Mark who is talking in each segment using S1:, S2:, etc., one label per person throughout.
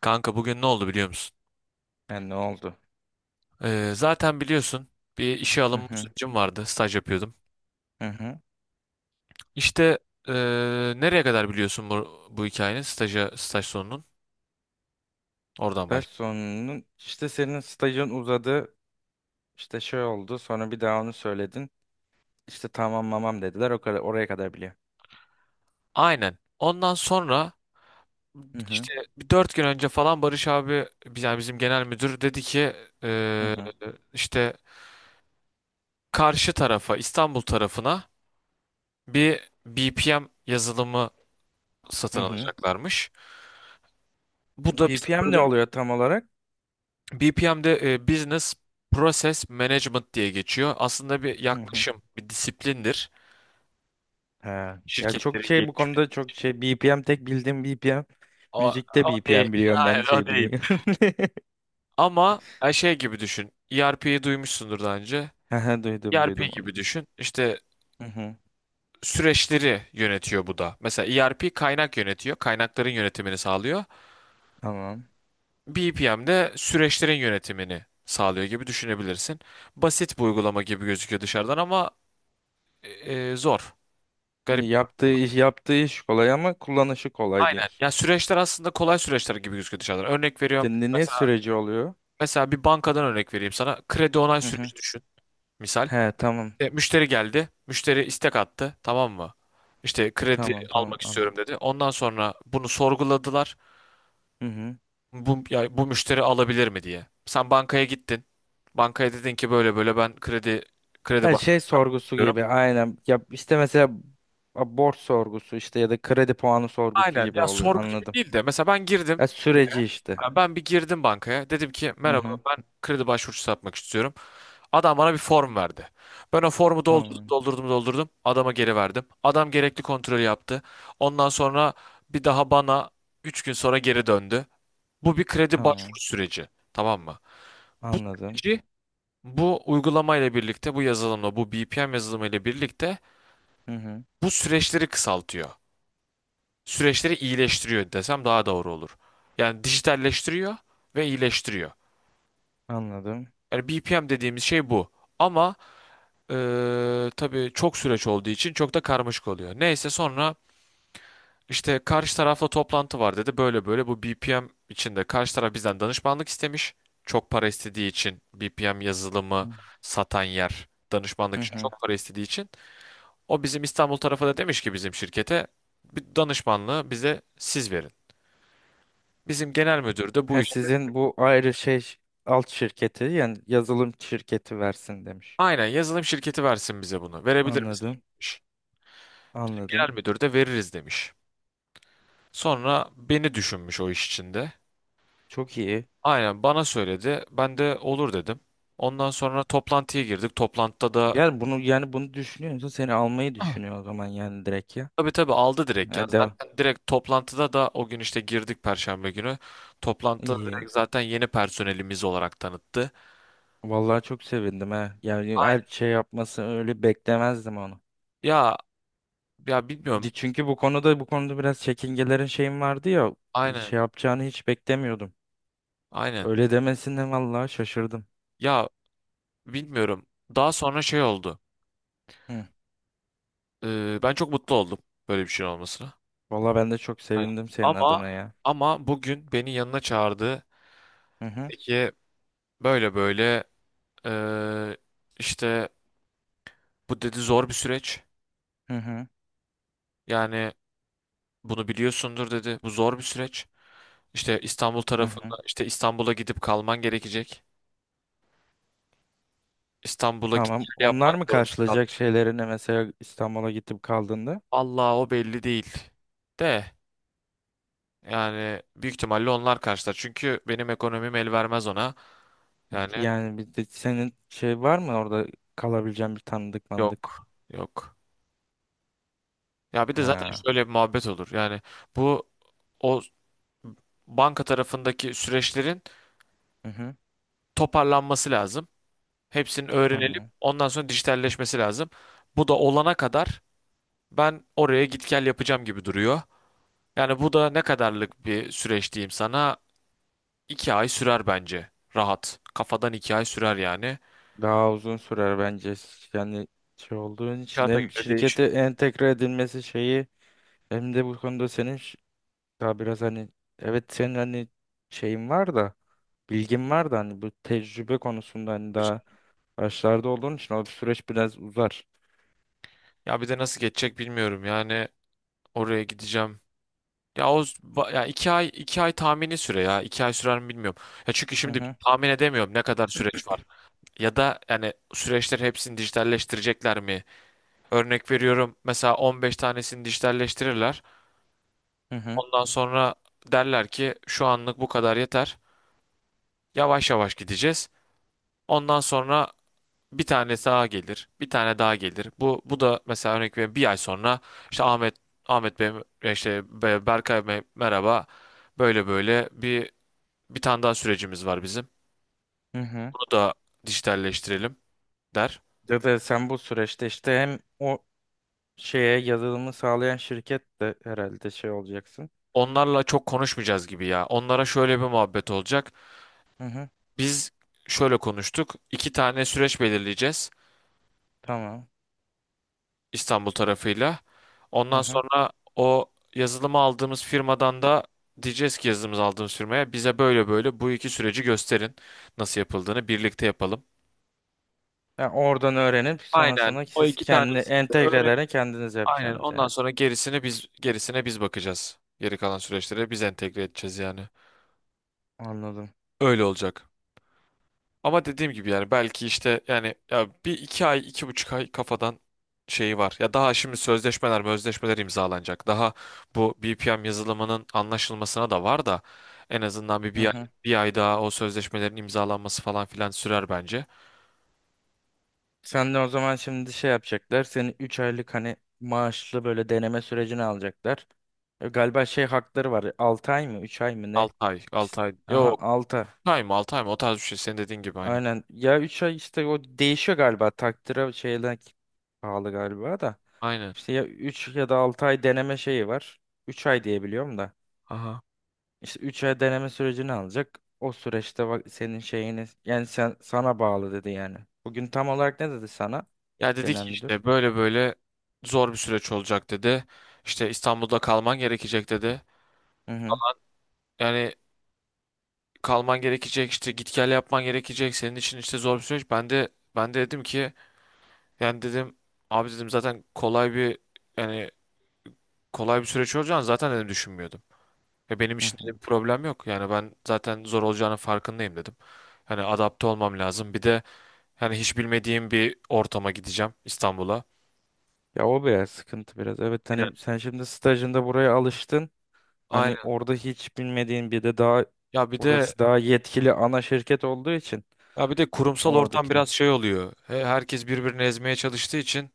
S1: Kanka bugün ne oldu biliyor musun?
S2: Ha, ne oldu?
S1: Zaten biliyorsun bir işe
S2: Hı
S1: alınma
S2: hı,
S1: sürecim vardı. Staj yapıyordum.
S2: hı hı.
S1: İşte ee, nereye kadar biliyorsun bu hikayenin staj sonunun? Oradan
S2: Ve
S1: baş.
S2: sonunun işte senin stajın uzadı. İşte şey oldu. Sonra bir daha onu söyledin. İşte tamam mamam dediler. O kadar oraya kadar biliyor.
S1: Aynen. Ondan sonra
S2: Hı hı,
S1: işte bir 4 gün önce falan Barış abi yani bizim genel müdür dedi ki
S2: hı
S1: ee,
S2: hı,
S1: işte karşı tarafa İstanbul tarafına bir BPM yazılımı
S2: hı
S1: satın
S2: hı.
S1: alacaklarmış. Bu da bizim
S2: BPM ne
S1: bölüm.
S2: oluyor tam olarak?
S1: BPM'de Business Process Management diye geçiyor. Aslında bir
S2: Hı hı.
S1: yaklaşım, bir disiplindir.
S2: Ha. Ya çok
S1: Şirketlerin
S2: şey bu
S1: gelişmesi.
S2: konuda çok şey BPM tek bildiğim BPM.
S1: O,
S2: Müzikte
S1: o değil.
S2: BPM biliyorum ben
S1: Hayır, o
S2: şey
S1: değil.
S2: bilmiyorum.
S1: Ama şey gibi düşün. ERP'yi duymuşsundur daha önce.
S2: Hı hı, duydum
S1: ERP
S2: duydum onu.
S1: gibi düşün. İşte
S2: Hı hı.
S1: süreçleri yönetiyor bu da. Mesela ERP kaynak yönetiyor. Kaynakların yönetimini sağlıyor.
S2: Tamam.
S1: BPM de süreçlerin yönetimini sağlıyor gibi düşünebilirsin. Basit bir uygulama gibi gözüküyor dışarıdan ama e, zor. Garip.
S2: Yaptığı iş yaptığı iş kolay ama kullanışı kolay
S1: Aynen.
S2: diyorsun.
S1: Ya süreçler aslında kolay süreçler gibi gözüküyor dışarıdan. Örnek veriyorum.
S2: Ne
S1: Mesela,
S2: süreci oluyor?
S1: mesela bir bankadan örnek vereyim sana. Kredi onay süreci düşün. Misal.
S2: He tamam.
S1: Müşteri geldi. Müşteri istek attı. Tamam mı? İşte kredi
S2: Tamam tamam
S1: almak istiyorum
S2: anladım.
S1: dedi. Ondan sonra bunu sorguladılar.
S2: Hı hı.
S1: Bu müşteri alabilir mi diye. Sen bankaya gittin. Bankaya dedin ki böyle böyle ben kredi
S2: Her şey sorgusu
S1: başvuruyorum.
S2: gibi aynen. Ya işte mesela borç sorgusu işte ya da kredi puanı sorgusu
S1: Aynen.
S2: gibi
S1: Ya
S2: oluyor
S1: sorgu gibi
S2: anladım.
S1: değil de. Mesela ben girdim.
S2: Ya süreci işte.
S1: Ya ben bir girdim bankaya. Dedim ki
S2: Hı
S1: merhaba
S2: hı.
S1: ben kredi başvurusu yapmak istiyorum. Adam bana bir form verdi. Ben o formu doldurdum,
S2: Tamam.
S1: doldurdum, doldurdum. Adama geri verdim. Adam gerekli kontrolü yaptı. Ondan sonra bir daha bana 3 gün sonra geri döndü. Bu bir kredi başvuru
S2: Tamam.
S1: süreci. Tamam mı? Bu
S2: Anladım.
S1: süreci bu uygulamayla birlikte, bu yazılımla, bu BPM yazılımıyla birlikte
S2: Hı hı.
S1: bu süreçleri kısaltıyor. Süreçleri iyileştiriyor desem daha doğru olur. Yani dijitalleştiriyor ve iyileştiriyor.
S2: Anladım.
S1: Yani BPM dediğimiz şey bu. Ama tabii çok süreç olduğu için çok da karmaşık oluyor. Neyse sonra işte karşı tarafla toplantı var dedi. Böyle böyle bu BPM içinde karşı taraf bizden danışmanlık istemiş. Çok para istediği için BPM yazılımı
S2: Hı
S1: satan yer
S2: hı.
S1: danışmanlık için
S2: Hı.
S1: çok para istediği için o bizim İstanbul tarafı da demiş ki bizim şirkete bir danışmanlığı bize siz verin. Bizim genel müdür de bu
S2: Ha,
S1: işte
S2: sizin bu ayrı şey alt şirketi yani yazılım şirketi versin demiş.
S1: aynen yazılım şirketi versin bize bunu. Verebilir misiniz,
S2: Anladım.
S1: demiş. Bizim
S2: Anladım.
S1: genel müdür de veririz demiş. Sonra beni düşünmüş o iş içinde.
S2: Çok iyi.
S1: Aynen bana söyledi. Ben de olur dedim. Ondan sonra toplantıya girdik. Toplantıda da
S2: Gel bunu yani bunu düşünüyorsa seni almayı düşünüyor o zaman yani direkt ya.
S1: tabii tabii aldı direkt ya.
S2: Ya devam.
S1: Zaten direkt toplantıda da o gün işte girdik Perşembe günü. Toplantıda
S2: İyi.
S1: direkt zaten yeni personelimiz olarak tanıttı.
S2: Vallahi çok sevindim ha. Yani her
S1: Aynen.
S2: şey yapması öyle beklemezdim onu.
S1: Ya ya bilmiyorum.
S2: Çünkü bu konuda bu konuda biraz çekingelerin şeyim vardı ya.
S1: Aynen.
S2: Şey yapacağını hiç beklemiyordum.
S1: Aynen.
S2: Öyle demesine vallahi şaşırdım.
S1: Ya bilmiyorum. Daha sonra şey oldu.
S2: Hı.
S1: Ben çok mutlu oldum böyle bir şey olmasına.
S2: Vallahi ben de çok
S1: Aynen.
S2: sevindim senin
S1: Ama
S2: adına ya.
S1: ama bugün beni yanına çağırdı.
S2: Hı hı.
S1: Peki böyle böyle ee, işte bu dedi zor bir süreç.
S2: Hı hı.
S1: Yani bunu biliyorsundur dedi. Bu zor bir süreç. İşte İstanbul
S2: Hı hı.
S1: tarafında işte İstanbul'a gidip kalman gerekecek. İstanbul'a git
S2: Tamam.
S1: gel
S2: Onlar
S1: yapmak
S2: mı
S1: zorunda kal.
S2: karşılayacak şeylerini mesela İstanbul'a gidip kaldığında?
S1: Allah o belli değil. De yani büyük ihtimalle onlar karşılar. Çünkü benim ekonomim el vermez ona. Yani
S2: Yani bir de senin şey var mı orada kalabileceğin bir tanıdık mandık?
S1: yok yok. Ya bir de zaten
S2: Ha.
S1: şöyle bir muhabbet olur. Yani bu o banka tarafındaki süreçlerin
S2: Hı hı.
S1: toparlanması lazım. Hepsinin öğrenilip
S2: Tamam.
S1: ondan sonra dijitalleşmesi lazım. Bu da olana kadar ben oraya git gel yapacağım gibi duruyor. Yani bu da ne kadarlık bir süreç diyeyim sana? 2 ay sürer bence. Rahat. Kafadan 2 ay sürer yani.
S2: Daha uzun sürer bence. Yani şey olduğun için
S1: Kağıta
S2: hem
S1: göre değişir.
S2: şirkete entegre edilmesi şeyi hem de bu konuda senin daha biraz hani evet senin hani şeyin var da bilgin var da hani bu tecrübe konusunda hani daha başlarda olduğun için o süreç biraz uzar.
S1: Ya bir de nasıl geçecek bilmiyorum. Yani oraya gideceğim. Ya ya 2 ay 2 ay tahmini süre ya. 2 ay sürer mi bilmiyorum. Ya çünkü
S2: Hı
S1: şimdi
S2: hı,
S1: tahmin edemiyorum ne kadar süreç var. Ya da yani süreçleri hepsini dijitalleştirecekler mi? Örnek veriyorum mesela 15 tanesini dijitalleştirirler.
S2: hı hı,
S1: Ondan sonra derler ki şu anlık bu kadar yeter. Yavaş yavaş gideceğiz. Ondan sonra bir tane daha gelir, bir tane daha gelir. Bu da mesela örnek veriyorum bir ay sonra işte Ahmet Bey işte Berkay Bey merhaba. Böyle böyle bir tane daha sürecimiz var bizim.
S2: hı hı.
S1: Bunu da dijitalleştirelim der.
S2: Ya da sen bu süreçte işte hem o şeye yazılımı sağlayan şirket de herhalde şey olacaksın.
S1: Onlarla çok konuşmayacağız gibi ya. Onlara şöyle bir muhabbet olacak.
S2: Hı hı,
S1: Biz şöyle konuştuk. 2 tane süreç belirleyeceğiz
S2: tamam.
S1: İstanbul tarafıyla.
S2: Hı
S1: Ondan
S2: hı.
S1: sonra o yazılımı aldığımız firmadan da diyeceğiz ki yazılımımızı aldığımız firmaya bize böyle böyle bu 2 süreci gösterin nasıl yapıldığını birlikte yapalım.
S2: Yani oradan öğrenip
S1: Aynen
S2: sonrasında
S1: o
S2: siz
S1: iki
S2: kendi
S1: tanesini de öğren.
S2: entegrelerini kendiniz
S1: Aynen
S2: yapacaksınız
S1: ondan
S2: yani.
S1: sonra gerisini biz gerisine biz bakacağız. Geri kalan süreçlere biz entegre edeceğiz yani.
S2: Anladım.
S1: Öyle olacak. Ama dediğim gibi yani belki işte yani ya bir iki ay 2,5 ay kafadan şeyi var. Ya daha şimdi sözleşmeler imzalanacak. Daha bu BPM yazılımının anlaşılmasına da var da en azından
S2: Hı
S1: bir ay,
S2: hı.
S1: bir ay daha o sözleşmelerin imzalanması falan filan sürer bence.
S2: Sen de o zaman şimdi şey yapacaklar. Seni 3 aylık hani maaşlı böyle deneme sürecini alacaklar. Galiba şey hakları var. 6 ay mı 3 ay mı ne?
S1: 6 ay 6
S2: İşte,
S1: ay
S2: aha
S1: yok
S2: 6.
S1: 6 ay mı 6 ay mı o tarz bir şey senin dediğin gibi aynı.
S2: Aynen. Ya 3 ay işte o değişiyor galiba. Takdire şeyden pahalı galiba da.
S1: Aynen.
S2: İşte ya 3 ya da 6 ay deneme şeyi var. Üç ay diye biliyorum da.
S1: Aha.
S2: İşte 3 ay deneme sürecini alacak. O süreçte bak senin şeyini yani sen sana bağlı dedi yani. Bugün tam olarak ne dedi sana
S1: Ya dedi ki
S2: genel müdür?
S1: işte böyle böyle zor bir süreç olacak dedi. İşte İstanbul'da kalman gerekecek dedi.
S2: Hı hı.
S1: Yani kalman gerekecek işte git gel yapman gerekecek senin için işte zor bir süreç. Ben de dedim ki yani dedim abi dedim zaten yani kolay bir süreç olacağını zaten dedim düşünmüyordum. Ve benim
S2: Hı
S1: için
S2: hı.
S1: dedim problem yok. Yani ben zaten zor olacağının farkındayım dedim. Hani adapte olmam lazım. Bir de yani hiç bilmediğim bir ortama gideceğim İstanbul'a.
S2: Ya o biraz sıkıntı biraz. Evet
S1: Aynen.
S2: hani sen şimdi stajında buraya alıştın. Hani
S1: Aynen.
S2: orada hiç bilmediğin bir de daha
S1: Ya bir de
S2: orası daha yetkili ana şirket olduğu için
S1: ya bir de kurumsal ortam
S2: oradakiler.
S1: biraz şey oluyor. Herkes birbirini ezmeye çalıştığı için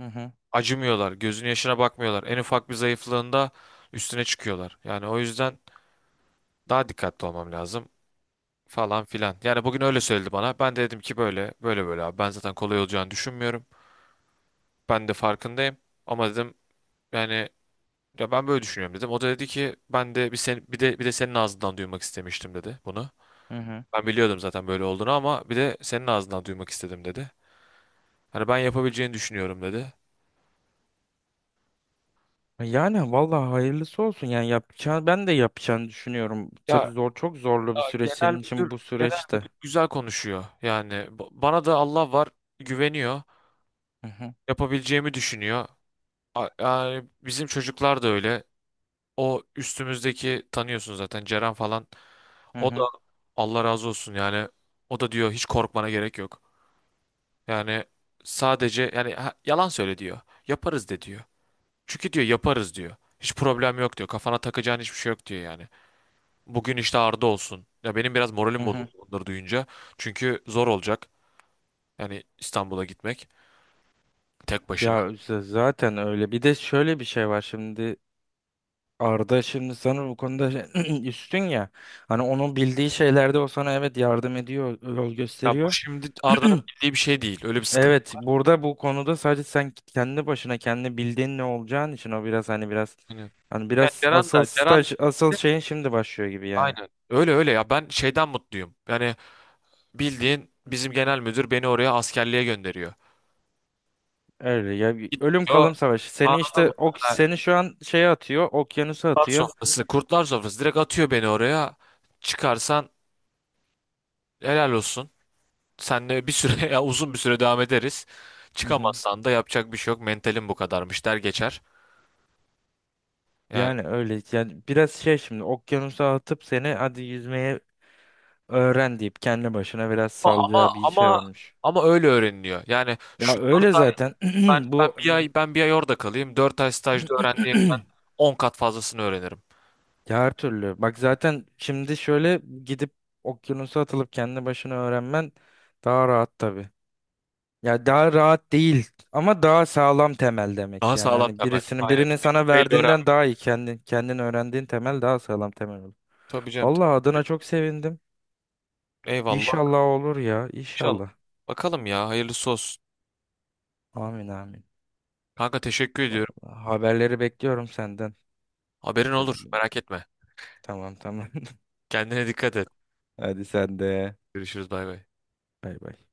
S2: Hı hı.
S1: acımıyorlar. Gözünün yaşına bakmıyorlar. En ufak bir zayıflığında üstüne çıkıyorlar. Yani o yüzden daha dikkatli olmam lazım falan filan. Yani bugün öyle söyledi bana. Ben de dedim ki böyle böyle böyle abi. Ben zaten kolay olacağını düşünmüyorum. Ben de farkındayım. Ama dedim yani ya ben böyle düşünüyorum dedim. O da dedi ki ben de bir sen bir de senin ağzından duymak istemiştim dedi bunu.
S2: Hı hı.
S1: Ben biliyordum zaten böyle olduğunu ama bir de senin ağzından duymak istedim dedi. Hani ben yapabileceğini düşünüyorum dedi.
S2: Yani vallahi hayırlısı olsun yani yapacağını ben de yapacağını düşünüyorum.
S1: Ya
S2: Tabii zor çok zorlu
S1: Ya
S2: bir süreç senin için bu
S1: genel
S2: süreçte.
S1: müdür güzel konuşuyor. Yani bana da Allah var güveniyor.
S2: Hı hı.
S1: Yapabileceğimi düşünüyor. Yani bizim çocuklar da öyle. O üstümüzdeki tanıyorsun zaten Ceren falan.
S2: Hı
S1: O da
S2: hı.
S1: Allah razı olsun yani. O da diyor hiç korkmana gerek yok. Yani sadece yani yalan söyle diyor. Yaparız de diyor. Çünkü diyor yaparız diyor. Hiç problem yok diyor. Kafana takacağın hiçbir şey yok diyor yani. Bugün işte Arda olsun. Ya benim biraz
S2: Hı
S1: moralim
S2: hı.
S1: bozuldu onları duyunca. Çünkü zor olacak. Yani İstanbul'a gitmek tek başına.
S2: Ya zaten öyle. Bir de şöyle bir şey var şimdi. Arda şimdi sana bu konuda üstün ya. Hani onun bildiği şeylerde o sana evet yardım ediyor, yol
S1: Ya bu
S2: gösteriyor.
S1: şimdi Arda'nın bildiği bir şey değil. Öyle bir sıkıntı.
S2: Evet, burada bu konuda sadece sen kendi başına kendi bildiğin ne olacağın için o biraz hani biraz
S1: Aynen.
S2: hani
S1: Ya
S2: biraz
S1: Ceren
S2: asıl
S1: de,
S2: staj asıl şeyin şimdi başlıyor gibi yani.
S1: aynen. Öyle öyle ya ben şeyden mutluyum. Yani bildiğin bizim genel müdür beni oraya askerliğe gönderiyor.
S2: Öyle ya bir ölüm
S1: Gidiyor
S2: kalım savaşı. Seni
S1: anladın mı?
S2: işte ok
S1: Ha,
S2: seni şu an şeye atıyor, okyanusa
S1: Kurtlar
S2: atıyor.
S1: sofrası, kurtlar sofrası direkt atıyor beni oraya. Çıkarsan helal olsun. Senle bir süre ya uzun bir süre devam ederiz.
S2: Hı hı.
S1: Çıkamazsan da yapacak bir şey yok. Mentalim bu kadarmış der geçer. Yani.
S2: Yani öyle yani biraz şey şimdi okyanusa atıp seni hadi yüzmeye öğren deyip kendi başına biraz
S1: Ama ama
S2: salacağı bir şey
S1: ama
S2: varmış.
S1: ama öyle öğreniliyor. Yani şu
S2: Ya öyle zaten bu
S1: ben bir ay orada kalayım. 4 ay stajda öğrendiğimden 10 kat fazlasını öğrenirim.
S2: ya her türlü. Bak zaten şimdi şöyle gidip okyanusa atılıp kendi başına öğrenmen daha rahat tabii. Ya daha rahat değil ama daha sağlam temel demek.
S1: Daha
S2: Yani
S1: sağlam
S2: hani
S1: temel.
S2: birisinin
S1: Aynen.
S2: birinin sana
S1: Tecrübeyle
S2: verdiğinden
S1: öğrenmek.
S2: daha iyi kendin kendin öğrendiğin temel daha sağlam temel olur.
S1: Tabii canım.
S2: Vallahi adına çok sevindim.
S1: Eyvallah.
S2: İnşallah olur ya,
S1: İnşallah.
S2: inşallah.
S1: Bakalım ya. Hayırlısı olsun.
S2: Amin amin.
S1: Kanka teşekkür ediyorum.
S2: Vallahi haberleri bekliyorum senden.
S1: Haberin olur. Merak etme.
S2: Tamam tamam.
S1: Kendine dikkat et.
S2: Hadi sen de.
S1: Görüşürüz. Bay bay.
S2: Bay bay.